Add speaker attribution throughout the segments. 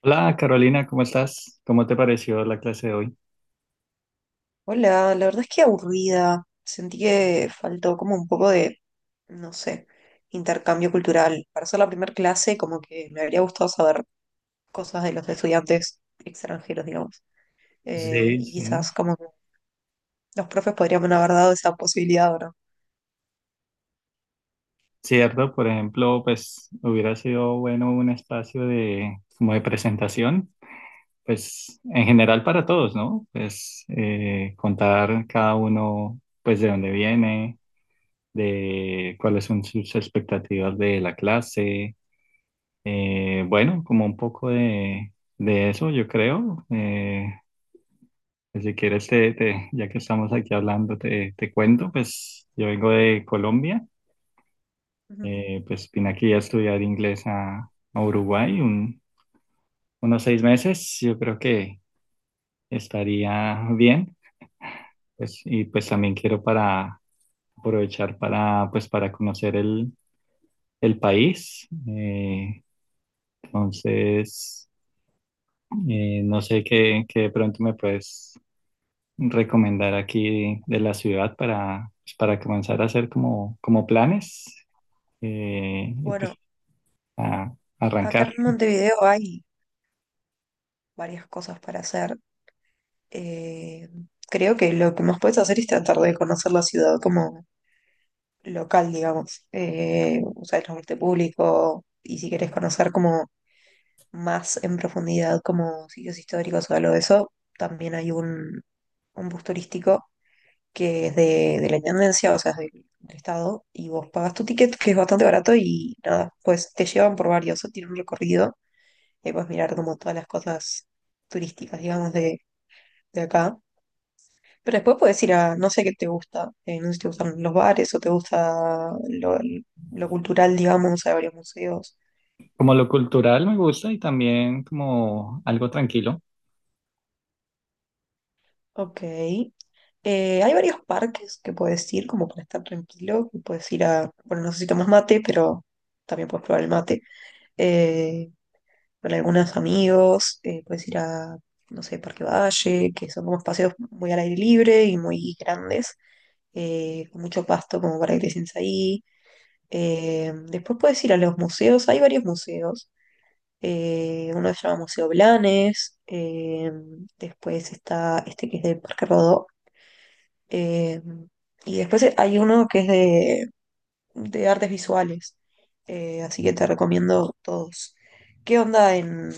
Speaker 1: Hola Carolina, ¿cómo estás? ¿Cómo te pareció la clase de hoy?
Speaker 2: Hola, la verdad es que aburrida. Sentí que faltó como un poco de, no sé, intercambio cultural. Para ser la primera clase, como que me habría gustado saber cosas de los estudiantes extranjeros, digamos.
Speaker 1: Sí,
Speaker 2: Y
Speaker 1: sí.
Speaker 2: quizás como que los profes podrían haber dado esa posibilidad, ahora.
Speaker 1: Cierto, por ejemplo, pues hubiera sido bueno un espacio de como de presentación, pues en general para todos, ¿no? Pues contar cada uno, pues de dónde viene, de cuáles son sus expectativas de la clase, bueno, como un poco de eso, yo creo. Pues si quieres, ya que estamos aquí hablando, te cuento, pues yo vengo de Colombia, pues vine aquí a estudiar inglés a Uruguay unos seis meses, yo creo que estaría bien, pues, y pues también quiero para aprovechar para, pues, para conocer el país, entonces, no sé qué de pronto me puedes recomendar aquí de la ciudad para, pues, para comenzar a hacer como, como planes y pues
Speaker 2: Bueno,
Speaker 1: a
Speaker 2: acá
Speaker 1: arrancar.
Speaker 2: en Montevideo hay varias cosas para hacer. Eh, Creo que lo que más puedes hacer es tratar de conocer la ciudad como local, digamos, usar el transporte público y si querés conocer como más en profundidad como sitios históricos o algo de eso, también hay un bus turístico que es de la intendencia, o sea, es del estado, y vos pagas tu ticket, que es bastante barato, y nada, pues te llevan por varios, tiene un recorrido, y ahí puedes mirar como todas las cosas turísticas, digamos, de acá. Pero después puedes ir a, no sé qué te gusta, no sé si te gustan los bares o te gusta lo cultural, digamos, hay varios museos.
Speaker 1: Como lo cultural me gusta y también como algo tranquilo.
Speaker 2: Ok. Hay varios parques que puedes ir, como para estar tranquilo, que puedes ir a, bueno, no sé si tomas mate, pero también puedes probar el mate. Eh, con algunos amigos, puedes ir a, no sé, Parque Valle, que son como espacios muy al aire libre y muy grandes, con mucho pasto como para que te sientes ahí. Después puedes ir a los museos, hay varios museos. Uno se llama Museo Blanes, después está este que es del Parque Rodó, eh, y después hay uno que es de artes visuales, así que te recomiendo todos. ¿Qué onda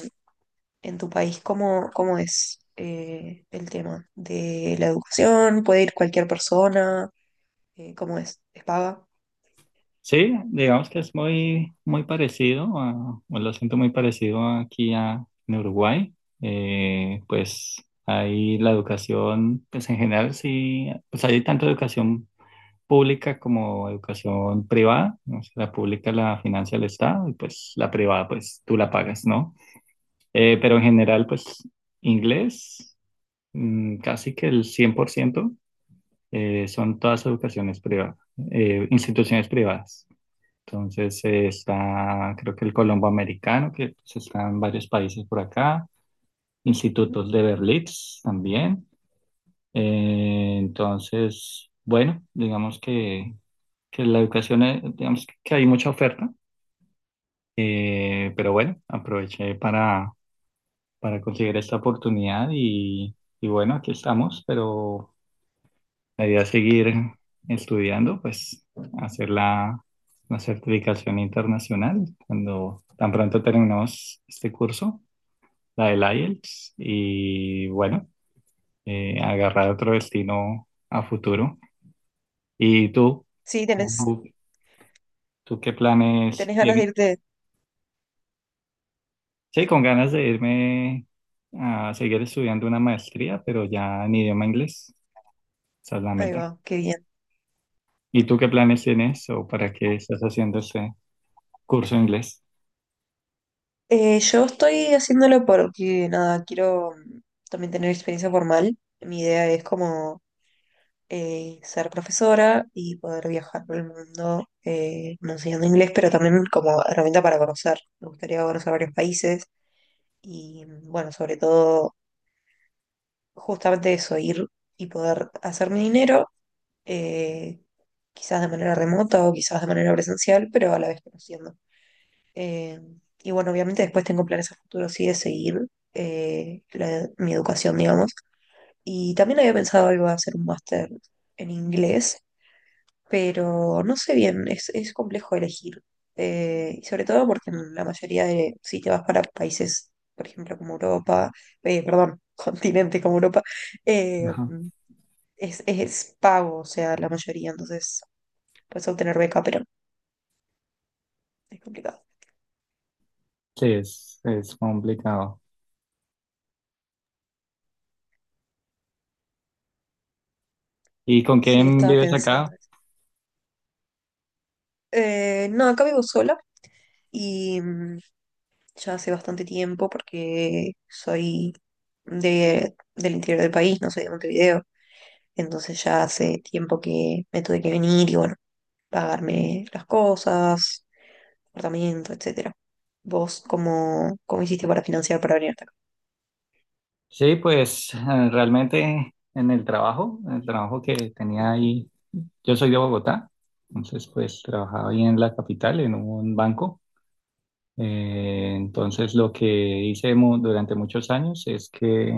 Speaker 2: en tu país? ¿Cómo, cómo es el tema de la educación? ¿Puede ir cualquier persona? ¿Cómo es? ¿Es paga?
Speaker 1: Sí, digamos que es muy, muy parecido, a, o lo siento muy parecido aquí a, en Uruguay. Pues ahí la educación, pues en general sí, pues hay tanta educación pública como educación privada, ¿no? O sea, la pública la financia el Estado y pues la privada pues tú la pagas, ¿no? Pero en general pues inglés casi que el 100%, son todas educaciones privadas, instituciones privadas. Entonces está creo que el Colombo Americano, que pues, está en varios países por acá, institutos de Berlitz también. Entonces, bueno, digamos que la educación, digamos que hay mucha oferta, pero bueno, aproveché para conseguir esta oportunidad y bueno, aquí estamos, pero la idea es seguir estudiando, pues hacer la certificación internacional cuando tan pronto terminemos este curso, la del IELTS, y bueno, agarrar otro destino a futuro. ¿Y tú?
Speaker 2: Sí, tenés,
Speaker 1: ¿Tú ¿Tú qué planes
Speaker 2: tenés ganas de
Speaker 1: tienes?
Speaker 2: irte.
Speaker 1: Sí, con ganas de irme a seguir estudiando una maestría, pero ya en idioma inglés. Esa es la
Speaker 2: Ahí
Speaker 1: meta.
Speaker 2: va, qué bien.
Speaker 1: ¿Y tú qué planes tienes o para qué estás haciendo este curso de inglés?
Speaker 2: Yo estoy haciéndolo porque, nada, quiero también tener experiencia formal. Mi idea es como ser profesora y poder viajar por el mundo no enseñando inglés, pero también como herramienta para conocer. Me gustaría conocer varios países y, mm, bueno, sobre todo, justamente eso, ir y poder hacer mi dinero, eh, quizás de manera remota o quizás de manera presencial, pero a la vez conociendo. Eh, y bueno, obviamente después tengo planes a futuro, sí, de seguir mi educación, digamos. Y también había pensado iba a hacer un máster en inglés, pero no sé bien, es complejo elegir. Y sobre todo porque en la mayoría de, si te vas para países, por ejemplo, como Europa, perdón, continente como Europa, eh,
Speaker 1: Ajá.
Speaker 2: es pago, o sea, la mayoría, entonces puedes obtener beca, pero es complicado.
Speaker 1: Sí, es complicado. ¿Y con
Speaker 2: Sí,
Speaker 1: quién
Speaker 2: estaba
Speaker 1: vives
Speaker 2: pensando
Speaker 1: acá?
Speaker 2: eso. No, acá vivo sola. Y mm, ya hace bastante tiempo porque soy de, del interior del país, no soy de Montevideo. Entonces ya hace tiempo que me tuve que venir y bueno, pagarme las cosas, apartamento, etcétera. ¿Vos cómo, cómo hiciste para financiar para venir hasta acá?
Speaker 1: Sí, pues realmente en el trabajo que tenía ahí, yo soy de Bogotá, entonces pues trabajaba ahí en la capital, en un banco. Entonces lo que hice durante muchos años es que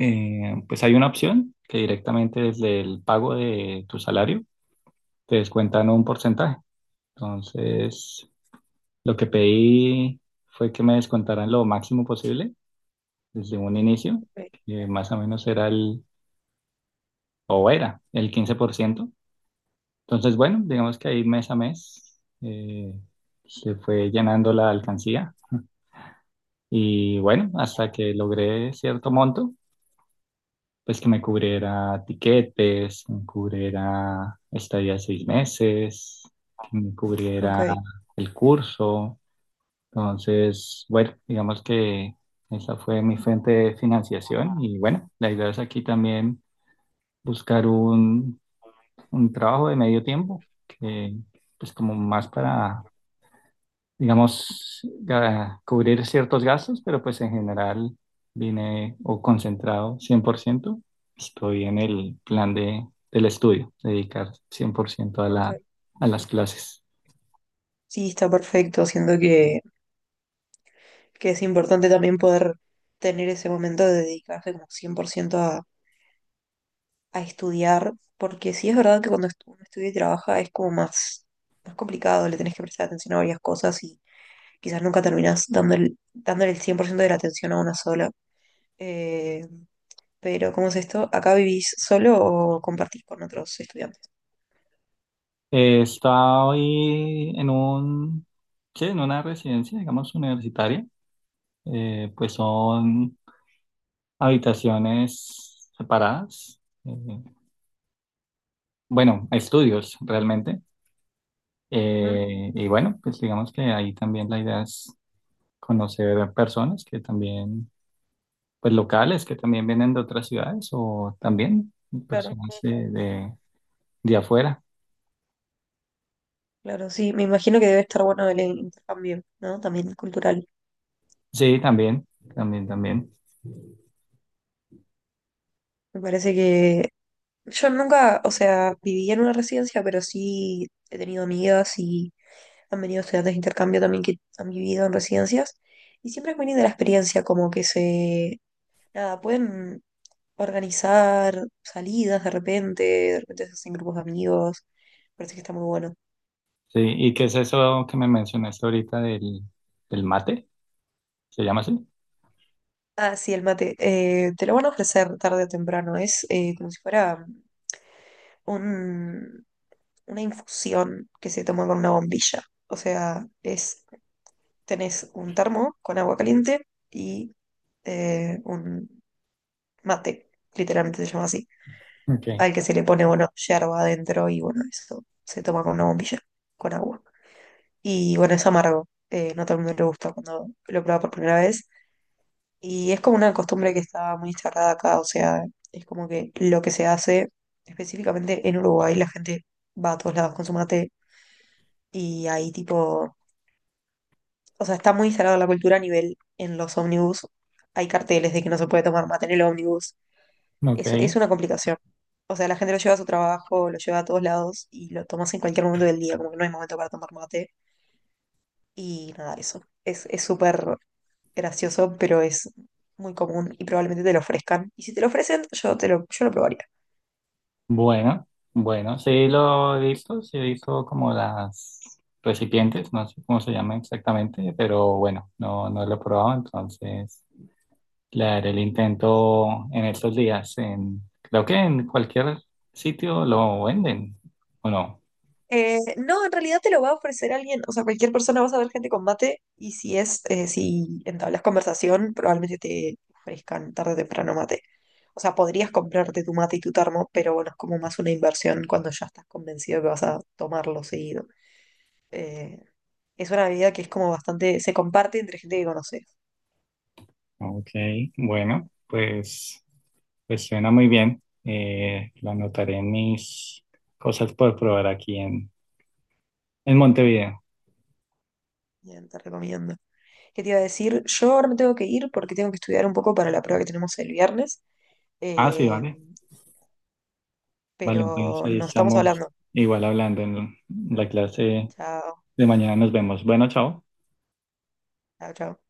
Speaker 1: Pues hay una opción que directamente desde el pago de tu salario te descuentan un porcentaje. Entonces, lo que pedí fue que me descontaran lo máximo posible desde un inicio,
Speaker 2: Ok,
Speaker 1: que más o menos era o era el 15%. Entonces, bueno, digamos que ahí mes a mes se fue llenando la alcancía y bueno, hasta que logré cierto monto, pues que me cubriera tiquetes, que me cubriera estadía de seis meses, que me
Speaker 2: ok.
Speaker 1: cubriera el curso. Entonces, bueno, digamos que esa fue mi fuente de financiación y bueno, la idea es aquí también buscar un trabajo de medio tiempo que pues como más para digamos, cubrir ciertos gastos, pero pues en general vine o concentrado cien por ciento. Estoy en el plan del estudio, dedicar 100% a
Speaker 2: Ok.
Speaker 1: la, a las clases.
Speaker 2: Sí, está perfecto. Siento que es importante también poder tener ese momento de dedicarse como 100% a estudiar, porque sí es verdad que cuando uno estudia y trabaja es como más, más complicado, le tenés que prestar atención a varias cosas y quizás nunca terminás dándole, dándole el 100% de la atención a una sola. Eh, pero, ¿cómo es esto? ¿Acá vivís solo o compartís con otros estudiantes?
Speaker 1: Estoy en un, sí, en una residencia, digamos, universitaria. Pues son habitaciones separadas. Bueno, estudios realmente.
Speaker 2: Mm.
Speaker 1: Y bueno, pues digamos que ahí también la idea es conocer personas que también, pues locales, que también vienen de otras ciudades o también
Speaker 2: Claro,
Speaker 1: personas de afuera.
Speaker 2: claro, sí, me imagino que debe estar bueno el intercambio, ¿no? También cultural.
Speaker 1: Sí, también, también, también.
Speaker 2: Me parece que yo nunca, o sea, viví en una residencia, pero sí he tenido amigas y han venido estudiantes de intercambio también que han vivido en residencias. Y siempre es muy linda la experiencia, como que se, nada, pueden organizar salidas de repente se hacen grupos de amigos. Parece que está muy bueno.
Speaker 1: Sí, ¿y qué es eso que me mencionaste ahorita del mate? ¿Se llama así?
Speaker 2: Ah, sí, el mate. Te lo van a ofrecer tarde o temprano. Es como si fuera un, una infusión que se toma con una bombilla. O sea, es tenés un termo con agua caliente y un mate, literalmente se llama así,
Speaker 1: Ok,
Speaker 2: al que se le pone, bueno, yerba adentro y bueno, eso se toma con una bombilla, con agua. Y bueno, es amargo, no a todo el mundo le gusta cuando lo prueba por primera vez. Y es como una costumbre que está muy charrada acá, o sea, es como que lo que se hace específicamente en Uruguay, la gente va a todos lados con su mate y ahí tipo o sea, está muy instalada la cultura a nivel en los ómnibus. Hay carteles de que no se puede tomar mate en el ómnibus. Es
Speaker 1: ok.
Speaker 2: una complicación. O sea, la gente lo lleva a su trabajo, lo lleva a todos lados y lo tomas en cualquier momento del día, como que no hay momento para tomar mate. Y nada, eso. Es súper gracioso, pero es muy común y probablemente te lo ofrezcan. Y si te lo ofrecen, yo, te lo, yo lo probaría.
Speaker 1: Bueno, bueno, sí lo he visto, sí he visto como las recipientes, no sé cómo se llama exactamente, pero bueno, no, no lo he probado, entonces... Claro, el intento en estos días, en, creo que en cualquier sitio lo venden, ¿o no?
Speaker 2: No, en realidad te lo va a ofrecer alguien, o sea, cualquier persona vas a ver gente con mate y si es, si entablas conversación, probablemente te ofrezcan tarde o temprano mate. O sea, podrías comprarte tu mate y tu termo, pero bueno, es como más una inversión cuando ya estás convencido que vas a tomarlo seguido. Eh, es una bebida que es como bastante, se comparte entre gente que conoces.
Speaker 1: Ok, bueno, pues, pues suena muy bien. Lo anotaré en mis cosas por probar aquí en Montevideo.
Speaker 2: Bien, te recomiendo. ¿Qué te iba a decir? Yo ahora me tengo que ir porque tengo que estudiar un poco para la prueba que tenemos el viernes,
Speaker 1: Ah, sí,
Speaker 2: eh,
Speaker 1: vale. Vale, entonces
Speaker 2: pero
Speaker 1: ahí
Speaker 2: nos estamos
Speaker 1: estamos
Speaker 2: hablando.
Speaker 1: igual hablando en la clase
Speaker 2: Chao.
Speaker 1: de mañana. Nos vemos. Bueno, chao.
Speaker 2: Chao, chao.